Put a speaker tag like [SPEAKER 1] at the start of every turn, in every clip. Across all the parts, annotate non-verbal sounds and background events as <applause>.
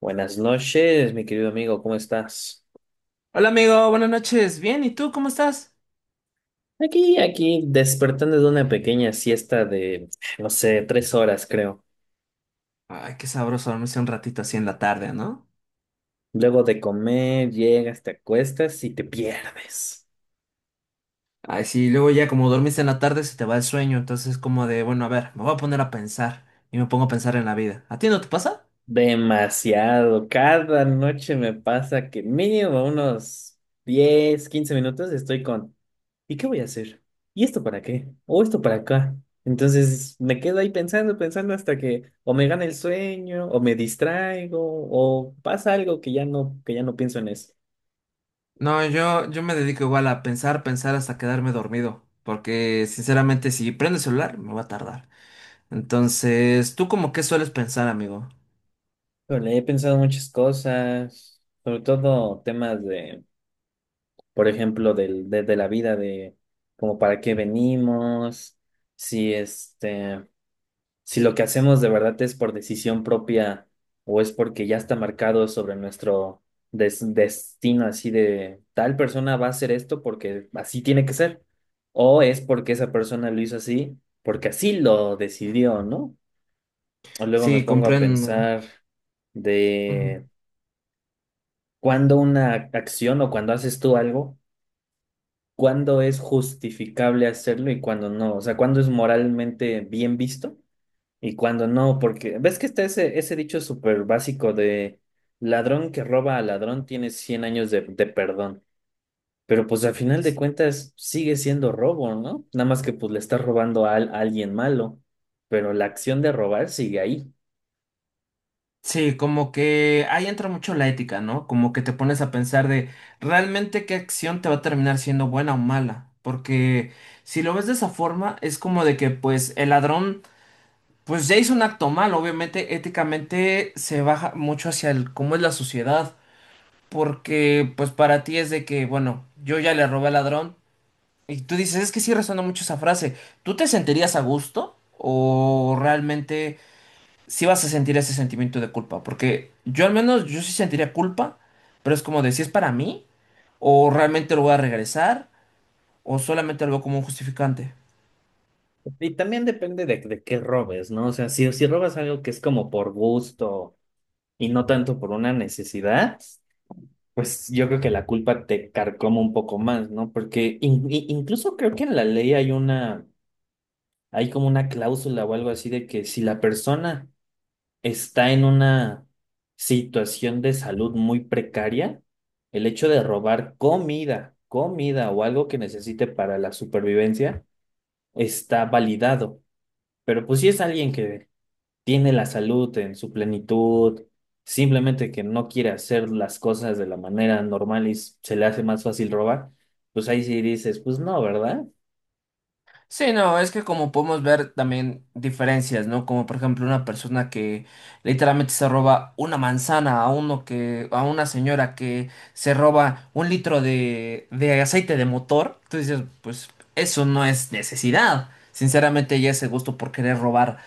[SPEAKER 1] Buenas noches, mi querido amigo, ¿cómo estás?
[SPEAKER 2] Hola amigo, buenas noches. Bien, ¿y tú cómo estás?
[SPEAKER 1] Aquí, despertando de una pequeña siesta de, no sé, 3 horas, creo.
[SPEAKER 2] Ay, qué sabroso dormirse un ratito así en la tarde, ¿no?
[SPEAKER 1] Luego de comer, llegas, te acuestas y te pierdes.
[SPEAKER 2] Ay, sí, luego ya como dormiste en la tarde se te va el sueño, entonces es como de, bueno, a ver, me voy a poner a pensar y me pongo a pensar en la vida. ¿A ti no te pasa?
[SPEAKER 1] Demasiado. Cada noche me pasa que mínimo unos 10, 15 minutos estoy con ¿y qué voy a hacer? ¿Y esto para qué? ¿O esto para acá? Entonces me quedo ahí pensando, pensando hasta que o me gana el sueño, o me distraigo, o pasa algo que ya no pienso en eso.
[SPEAKER 2] No, yo me dedico igual a pensar, pensar hasta quedarme dormido, porque sinceramente si prendo el celular me va a tardar. Entonces, ¿tú como qué sueles pensar, amigo?
[SPEAKER 1] Pero le he pensado muchas cosas, sobre todo temas de, por ejemplo, de la vida, de como para qué venimos, si si lo que hacemos de verdad es por decisión propia o es porque ya está marcado sobre nuestro destino, así de tal persona va a hacer esto porque así tiene que ser, o es porque esa persona lo hizo así porque así lo decidió, ¿no? O luego me
[SPEAKER 2] Sí,
[SPEAKER 1] pongo a
[SPEAKER 2] comprendo.
[SPEAKER 1] pensar
[SPEAKER 2] Ujú.
[SPEAKER 1] de cuándo una acción o cuando haces tú algo, cuándo es justificable hacerlo y cuándo no, o sea, cuándo es moralmente bien visto y cuando no, porque ves que está ese dicho súper básico de ladrón que roba a ladrón tiene 100 años de perdón, pero pues al final de cuentas sigue siendo robo, ¿no? Nada más que pues le estás robando a alguien malo, pero la acción de robar sigue ahí.
[SPEAKER 2] Sí, como que ahí entra mucho la ética, ¿no? Como que te pones a pensar de realmente qué acción te va a terminar siendo buena o mala. Porque si lo ves de esa forma, es como de que pues el ladrón pues ya hizo un acto mal. Obviamente, éticamente se baja mucho hacia el cómo es la sociedad. Porque pues para ti es de que, bueno, yo ya le robé al ladrón. Y tú dices, es que sí resuena mucho esa frase. ¿Tú te sentirías a gusto? ¿O realmente sí vas a sentir ese sentimiento de culpa? Porque yo al menos, yo sí sentiría culpa, pero es como de si es para mí, o realmente lo voy a regresar, o solamente algo como un justificante.
[SPEAKER 1] Y también depende de qué robes, ¿no? O sea, si robas algo que es como por gusto y no tanto por una necesidad, pues yo creo que la culpa te carcoma un poco más, ¿no? Porque incluso creo que en la ley hay una hay como una cláusula o algo así de que si la persona está en una situación de salud muy precaria, el hecho de robar comida o algo que necesite para la supervivencia está validado. Pero pues si es alguien que tiene la salud en su plenitud, simplemente que no quiere hacer las cosas de la manera normal y se le hace más fácil robar, pues ahí sí dices, pues no, ¿verdad?
[SPEAKER 2] Sí, no, es que como podemos ver también diferencias, ¿no? Como por ejemplo una persona que literalmente se roba una manzana a uno que, a una señora que se roba un litro de aceite de motor, tú dices, pues eso no es necesidad. Sinceramente ya ese gusto por querer robar.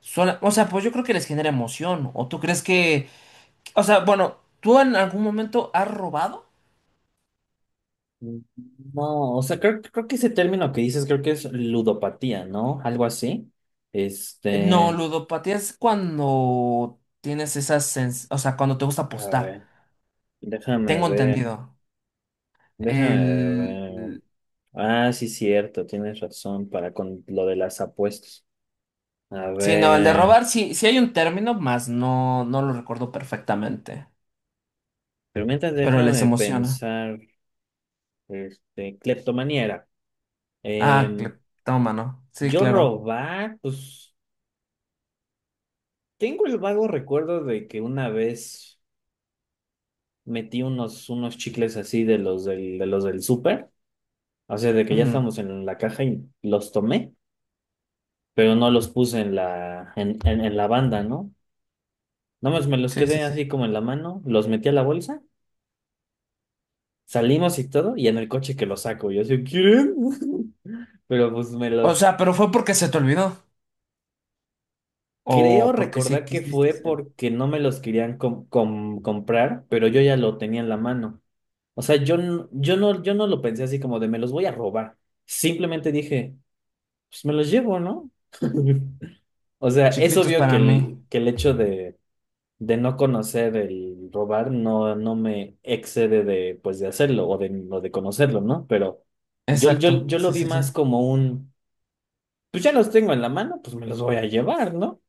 [SPEAKER 2] O sea, pues yo creo que les genera emoción. ¿O tú crees que... O sea, bueno, ¿tú en algún momento has robado?
[SPEAKER 1] No, o sea, creo que ese término que dices, creo que es ludopatía, ¿no? Algo así.
[SPEAKER 2] No,
[SPEAKER 1] Este,
[SPEAKER 2] ludopatía es cuando tienes esas... O sea, cuando te gusta
[SPEAKER 1] a
[SPEAKER 2] apostar.
[SPEAKER 1] ver, déjame
[SPEAKER 2] Tengo
[SPEAKER 1] ver,
[SPEAKER 2] entendido.
[SPEAKER 1] déjame
[SPEAKER 2] El...
[SPEAKER 1] ver.
[SPEAKER 2] el-
[SPEAKER 1] Ah, sí, cierto, tienes razón para con lo de las apuestas. A
[SPEAKER 2] Sí, no, el de
[SPEAKER 1] ver,
[SPEAKER 2] robar sí, sí hay un término, más no, no lo recuerdo perfectamente.
[SPEAKER 1] pero mientras
[SPEAKER 2] Pero les
[SPEAKER 1] déjame
[SPEAKER 2] emociona.
[SPEAKER 1] pensar, cleptomanía era.
[SPEAKER 2] Ah,
[SPEAKER 1] Em,
[SPEAKER 2] toma, ¿no? Sí,
[SPEAKER 1] yo
[SPEAKER 2] claro.
[SPEAKER 1] robar, pues tengo el vago recuerdo de que una vez metí unos chicles así de los del súper. O sea, de que ya
[SPEAKER 2] Ujú.
[SPEAKER 1] estamos en la caja y los tomé, pero no los puse en la banda, ¿no? Nada más me los
[SPEAKER 2] Sí, sí,
[SPEAKER 1] quedé
[SPEAKER 2] sí.
[SPEAKER 1] así como en la mano, los metí a la bolsa, salimos y todo, y en el coche que los saco. Yo así, ¿quieren? <laughs> Pero pues me
[SPEAKER 2] O
[SPEAKER 1] los...
[SPEAKER 2] sea, pero fue porque se te olvidó.
[SPEAKER 1] Creo
[SPEAKER 2] O porque sí
[SPEAKER 1] recordar que
[SPEAKER 2] quisiste
[SPEAKER 1] fue
[SPEAKER 2] ser.
[SPEAKER 1] porque no me los querían comprar, pero yo ya lo tenía en la mano. O sea, yo no lo pensé así como de me los voy a robar. Simplemente dije, pues me los llevo, ¿no? <laughs> O sea, es
[SPEAKER 2] Chiquitos
[SPEAKER 1] obvio que
[SPEAKER 2] para mí.
[SPEAKER 1] el hecho de, no conocer el robar no, no me excede de, pues, de hacerlo o de conocerlo, ¿no? Pero yo, yo,
[SPEAKER 2] Exacto,
[SPEAKER 1] yo lo
[SPEAKER 2] sí,
[SPEAKER 1] vi
[SPEAKER 2] sí, sí.
[SPEAKER 1] más como un, pues ya los tengo en la mano, pues me los voy a llevar, ¿no?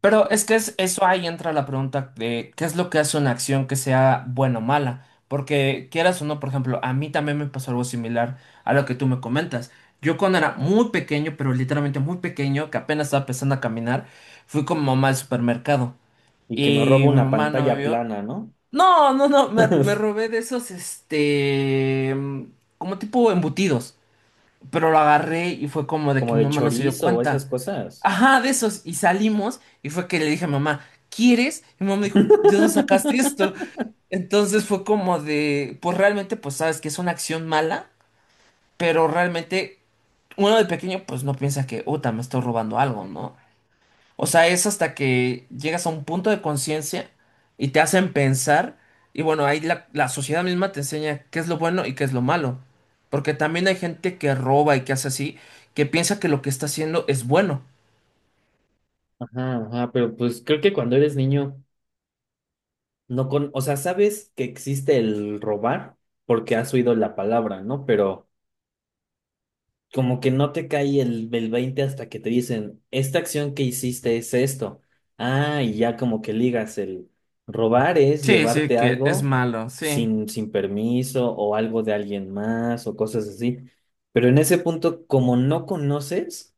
[SPEAKER 2] Pero es que es, eso ahí entra la pregunta de qué es lo que hace una acción que sea buena o mala. Porque quieras o no, por ejemplo, a mí también me pasó algo similar a lo que tú me comentas. Yo cuando era muy pequeño, pero literalmente muy pequeño, que apenas estaba empezando a caminar, fui con mi mamá al supermercado
[SPEAKER 1] Y que me
[SPEAKER 2] y
[SPEAKER 1] robo
[SPEAKER 2] mi
[SPEAKER 1] una
[SPEAKER 2] mamá no me
[SPEAKER 1] pantalla
[SPEAKER 2] vio.
[SPEAKER 1] plana, ¿no?
[SPEAKER 2] No, no, no, me robé de esos, este, mm, como tipo embutidos. Pero lo agarré y fue como de que
[SPEAKER 1] Como
[SPEAKER 2] mi
[SPEAKER 1] de
[SPEAKER 2] mamá no se dio
[SPEAKER 1] chorizo o esas
[SPEAKER 2] cuenta.
[SPEAKER 1] cosas.
[SPEAKER 2] Ajá, de esos. Y salimos y fue que le dije a mamá, ¿quieres? Y mi mamá me dijo, ¿de dónde sacaste esto?
[SPEAKER 1] <laughs>
[SPEAKER 2] Entonces fue como de, pues realmente, pues sabes que es una acción mala, pero realmente uno de pequeño pues no piensa que, uta, me estoy robando algo, ¿no? O sea, es hasta que llegas a un punto de conciencia y te hacen pensar. Y bueno, ahí la sociedad misma te enseña qué es lo bueno y qué es lo malo. Porque también hay gente que roba y que hace así, que piensa que lo que está haciendo es bueno.
[SPEAKER 1] Ajá, ajá, pero pues creo que cuando eres niño, no con, o sea, sabes que existe el robar porque has oído la palabra, ¿no? Pero... como que no te cae el 20 hasta que te dicen, esta acción que hiciste es esto. Ah, y ya como que ligas el robar es
[SPEAKER 2] Sí, sí,
[SPEAKER 1] llevarte
[SPEAKER 2] que es
[SPEAKER 1] algo
[SPEAKER 2] malo, sí.
[SPEAKER 1] sin permiso o algo de alguien más o cosas así. Pero en ese punto, como no conoces,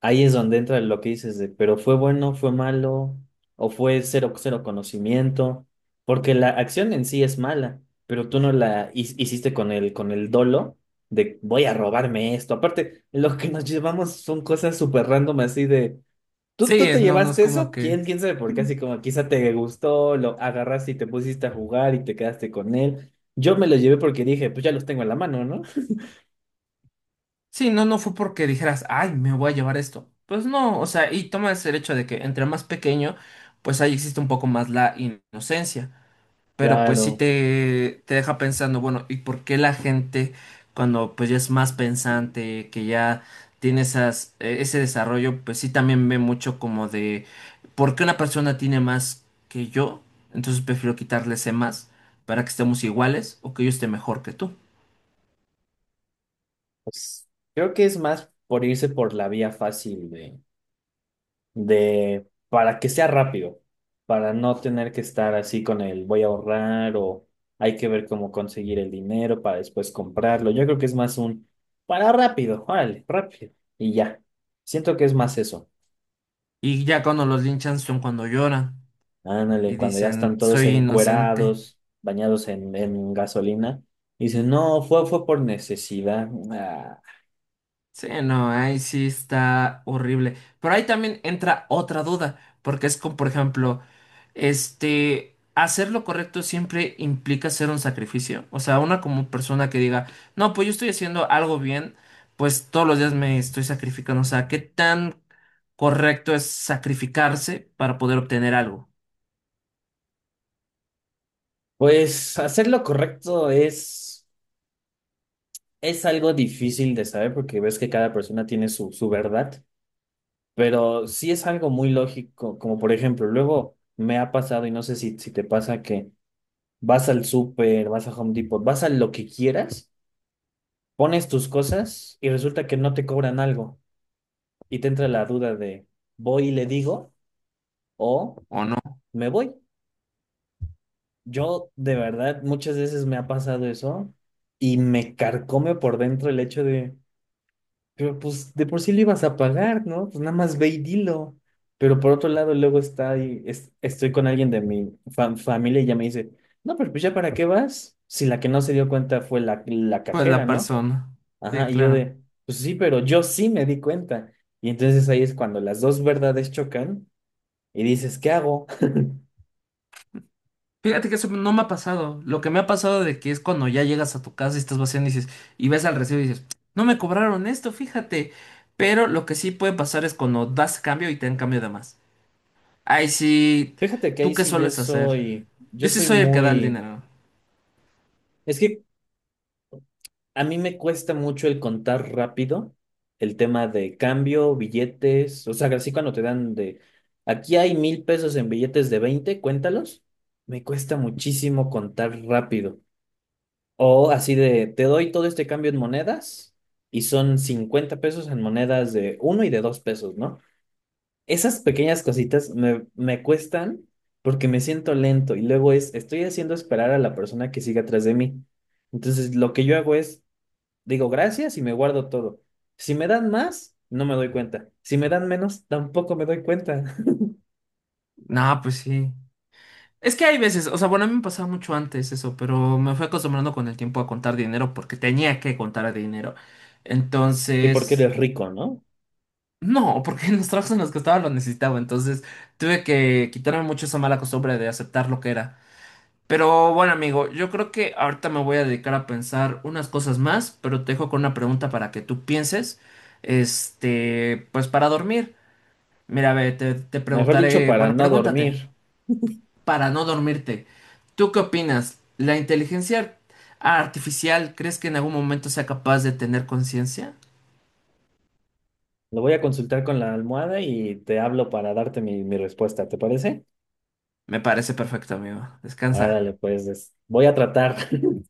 [SPEAKER 1] ahí es donde entra lo que dices de, pero fue bueno, fue malo, o fue cero, cero conocimiento, porque la acción en sí es mala, pero tú no la hiciste con el dolo de voy a robarme esto. Aparte, lo que nos llevamos son cosas súper random así de, ¿tú,
[SPEAKER 2] Sí,
[SPEAKER 1] tú te
[SPEAKER 2] no, no es
[SPEAKER 1] llevaste
[SPEAKER 2] como
[SPEAKER 1] eso?
[SPEAKER 2] que...
[SPEAKER 1] ¿Quién sabe por qué?
[SPEAKER 2] Mm.
[SPEAKER 1] Así como quizá te gustó, lo agarraste y te pusiste a jugar y te quedaste con él. Yo me lo llevé porque dije, pues ya los tengo en la mano, ¿no?
[SPEAKER 2] Sí, no, no fue porque dijeras, ay, me voy a llevar esto. Pues no, o sea, y tomas el hecho de que entre más pequeño, pues ahí existe un poco más la inocencia. Pero pues sí
[SPEAKER 1] Claro.
[SPEAKER 2] te deja pensando, bueno, ¿y por qué la gente cuando pues ya es más pensante, que ya tiene esas, ese desarrollo, pues sí también ve mucho como de por qué una persona tiene más que yo? Entonces prefiero quitarle ese más para que estemos iguales o que yo esté mejor que tú.
[SPEAKER 1] Pues, creo que es más por irse por la vía fácil de, para que sea rápido, para no tener que estar así con el voy a ahorrar o hay que ver cómo conseguir el dinero para después comprarlo. Yo creo que es más un para rápido, órale, rápido y ya. Siento que es más eso.
[SPEAKER 2] Y ya cuando los linchan son cuando lloran
[SPEAKER 1] Ándale,
[SPEAKER 2] y
[SPEAKER 1] cuando ya
[SPEAKER 2] dicen,
[SPEAKER 1] están todos
[SPEAKER 2] soy inocente.
[SPEAKER 1] encuerados, bañados en gasolina, dicen, no, fue por necesidad. Ah,
[SPEAKER 2] Sí, no, ahí sí está horrible. Pero ahí también entra otra duda, porque es como, por ejemplo, este, hacer lo correcto siempre implica hacer un sacrificio. O sea, una como persona que diga, no, pues yo estoy haciendo algo bien, pues todos los días me estoy sacrificando. O sea, ¿qué tan correcto es sacrificarse para poder obtener algo?
[SPEAKER 1] pues hacer lo correcto es algo difícil de saber porque ves que cada persona tiene su verdad, pero sí es algo muy lógico, como por ejemplo, luego me ha pasado y no sé si te pasa que vas al súper, vas a Home Depot, vas a lo que quieras, pones tus cosas y resulta que no te cobran algo y te entra la duda de voy y le digo o
[SPEAKER 2] ¿O no?
[SPEAKER 1] me voy. Yo de verdad muchas veces me ha pasado eso y me carcome por dentro el hecho de... Pero pues de por sí lo ibas a pagar, ¿no? Pues nada más ve y dilo. Pero por otro lado, luego está ahí, estoy con alguien de mi familia y ya me dice, no, pero pues ya para qué vas, si la que no se dio cuenta fue la
[SPEAKER 2] Pues
[SPEAKER 1] cajera,
[SPEAKER 2] la
[SPEAKER 1] ¿no?
[SPEAKER 2] persona. Sí,
[SPEAKER 1] Ajá, y yo
[SPEAKER 2] claro.
[SPEAKER 1] de, pues sí, pero yo sí me di cuenta. Y entonces ahí es cuando las dos verdades chocan y dices, ¿qué hago? <laughs>
[SPEAKER 2] Fíjate que eso no me ha pasado. Lo que me ha pasado de que es cuando ya llegas a tu casa y estás vaciando y dices, y ves al recibo y dices, no me cobraron esto, fíjate. Pero lo que sí puede pasar es cuando das cambio y te dan cambio de más. Ay, sí,
[SPEAKER 1] Fíjate que
[SPEAKER 2] ¿tú
[SPEAKER 1] ahí
[SPEAKER 2] qué
[SPEAKER 1] sí yo
[SPEAKER 2] sueles hacer?
[SPEAKER 1] soy,
[SPEAKER 2] Yo
[SPEAKER 1] yo
[SPEAKER 2] sí
[SPEAKER 1] soy
[SPEAKER 2] soy el que da el
[SPEAKER 1] muy,
[SPEAKER 2] dinero.
[SPEAKER 1] es que a mí me cuesta mucho el contar rápido, el tema de cambio, billetes, o sea, así cuando te dan de, aquí hay 1000 pesos en billetes de 20 cuéntalos, me cuesta muchísimo contar rápido. O así de, te doy todo este cambio en monedas y son 50 pesos en monedas de uno y de 2 pesos, ¿no? Esas pequeñas cositas me cuestan porque me siento lento y luego es, estoy haciendo esperar a la persona que sigue atrás de mí. Entonces, lo que yo hago es digo gracias y me guardo todo. Si me dan más, no me doy cuenta. Si me dan menos, tampoco me doy cuenta. <laughs>
[SPEAKER 2] No, pues sí. Es que hay veces, o sea, bueno, a mí me pasaba mucho antes eso, pero me fui acostumbrando con el tiempo a contar dinero porque tenía que contar dinero.
[SPEAKER 1] Y porque
[SPEAKER 2] Entonces,
[SPEAKER 1] eres rico, ¿no?
[SPEAKER 2] no, porque en los trabajos en los que estaba lo necesitaba, entonces tuve que quitarme mucho esa mala costumbre de aceptar lo que era. Pero bueno, amigo, yo creo que ahorita me voy a dedicar a pensar unas cosas más, pero te dejo con una pregunta para que tú pienses, este, pues para dormir. Mira, ve, te
[SPEAKER 1] Mejor dicho,
[SPEAKER 2] preguntaré,
[SPEAKER 1] para
[SPEAKER 2] bueno,
[SPEAKER 1] no
[SPEAKER 2] pregúntate,
[SPEAKER 1] dormir.
[SPEAKER 2] para no dormirte, ¿tú qué opinas? ¿La inteligencia artificial crees que en algún momento sea capaz de tener conciencia?
[SPEAKER 1] Lo voy a consultar con la almohada y te hablo para darte mi respuesta, ¿te parece?
[SPEAKER 2] Me parece perfecto, amigo. Descansa.
[SPEAKER 1] Órale, pues voy a tratar. <laughs>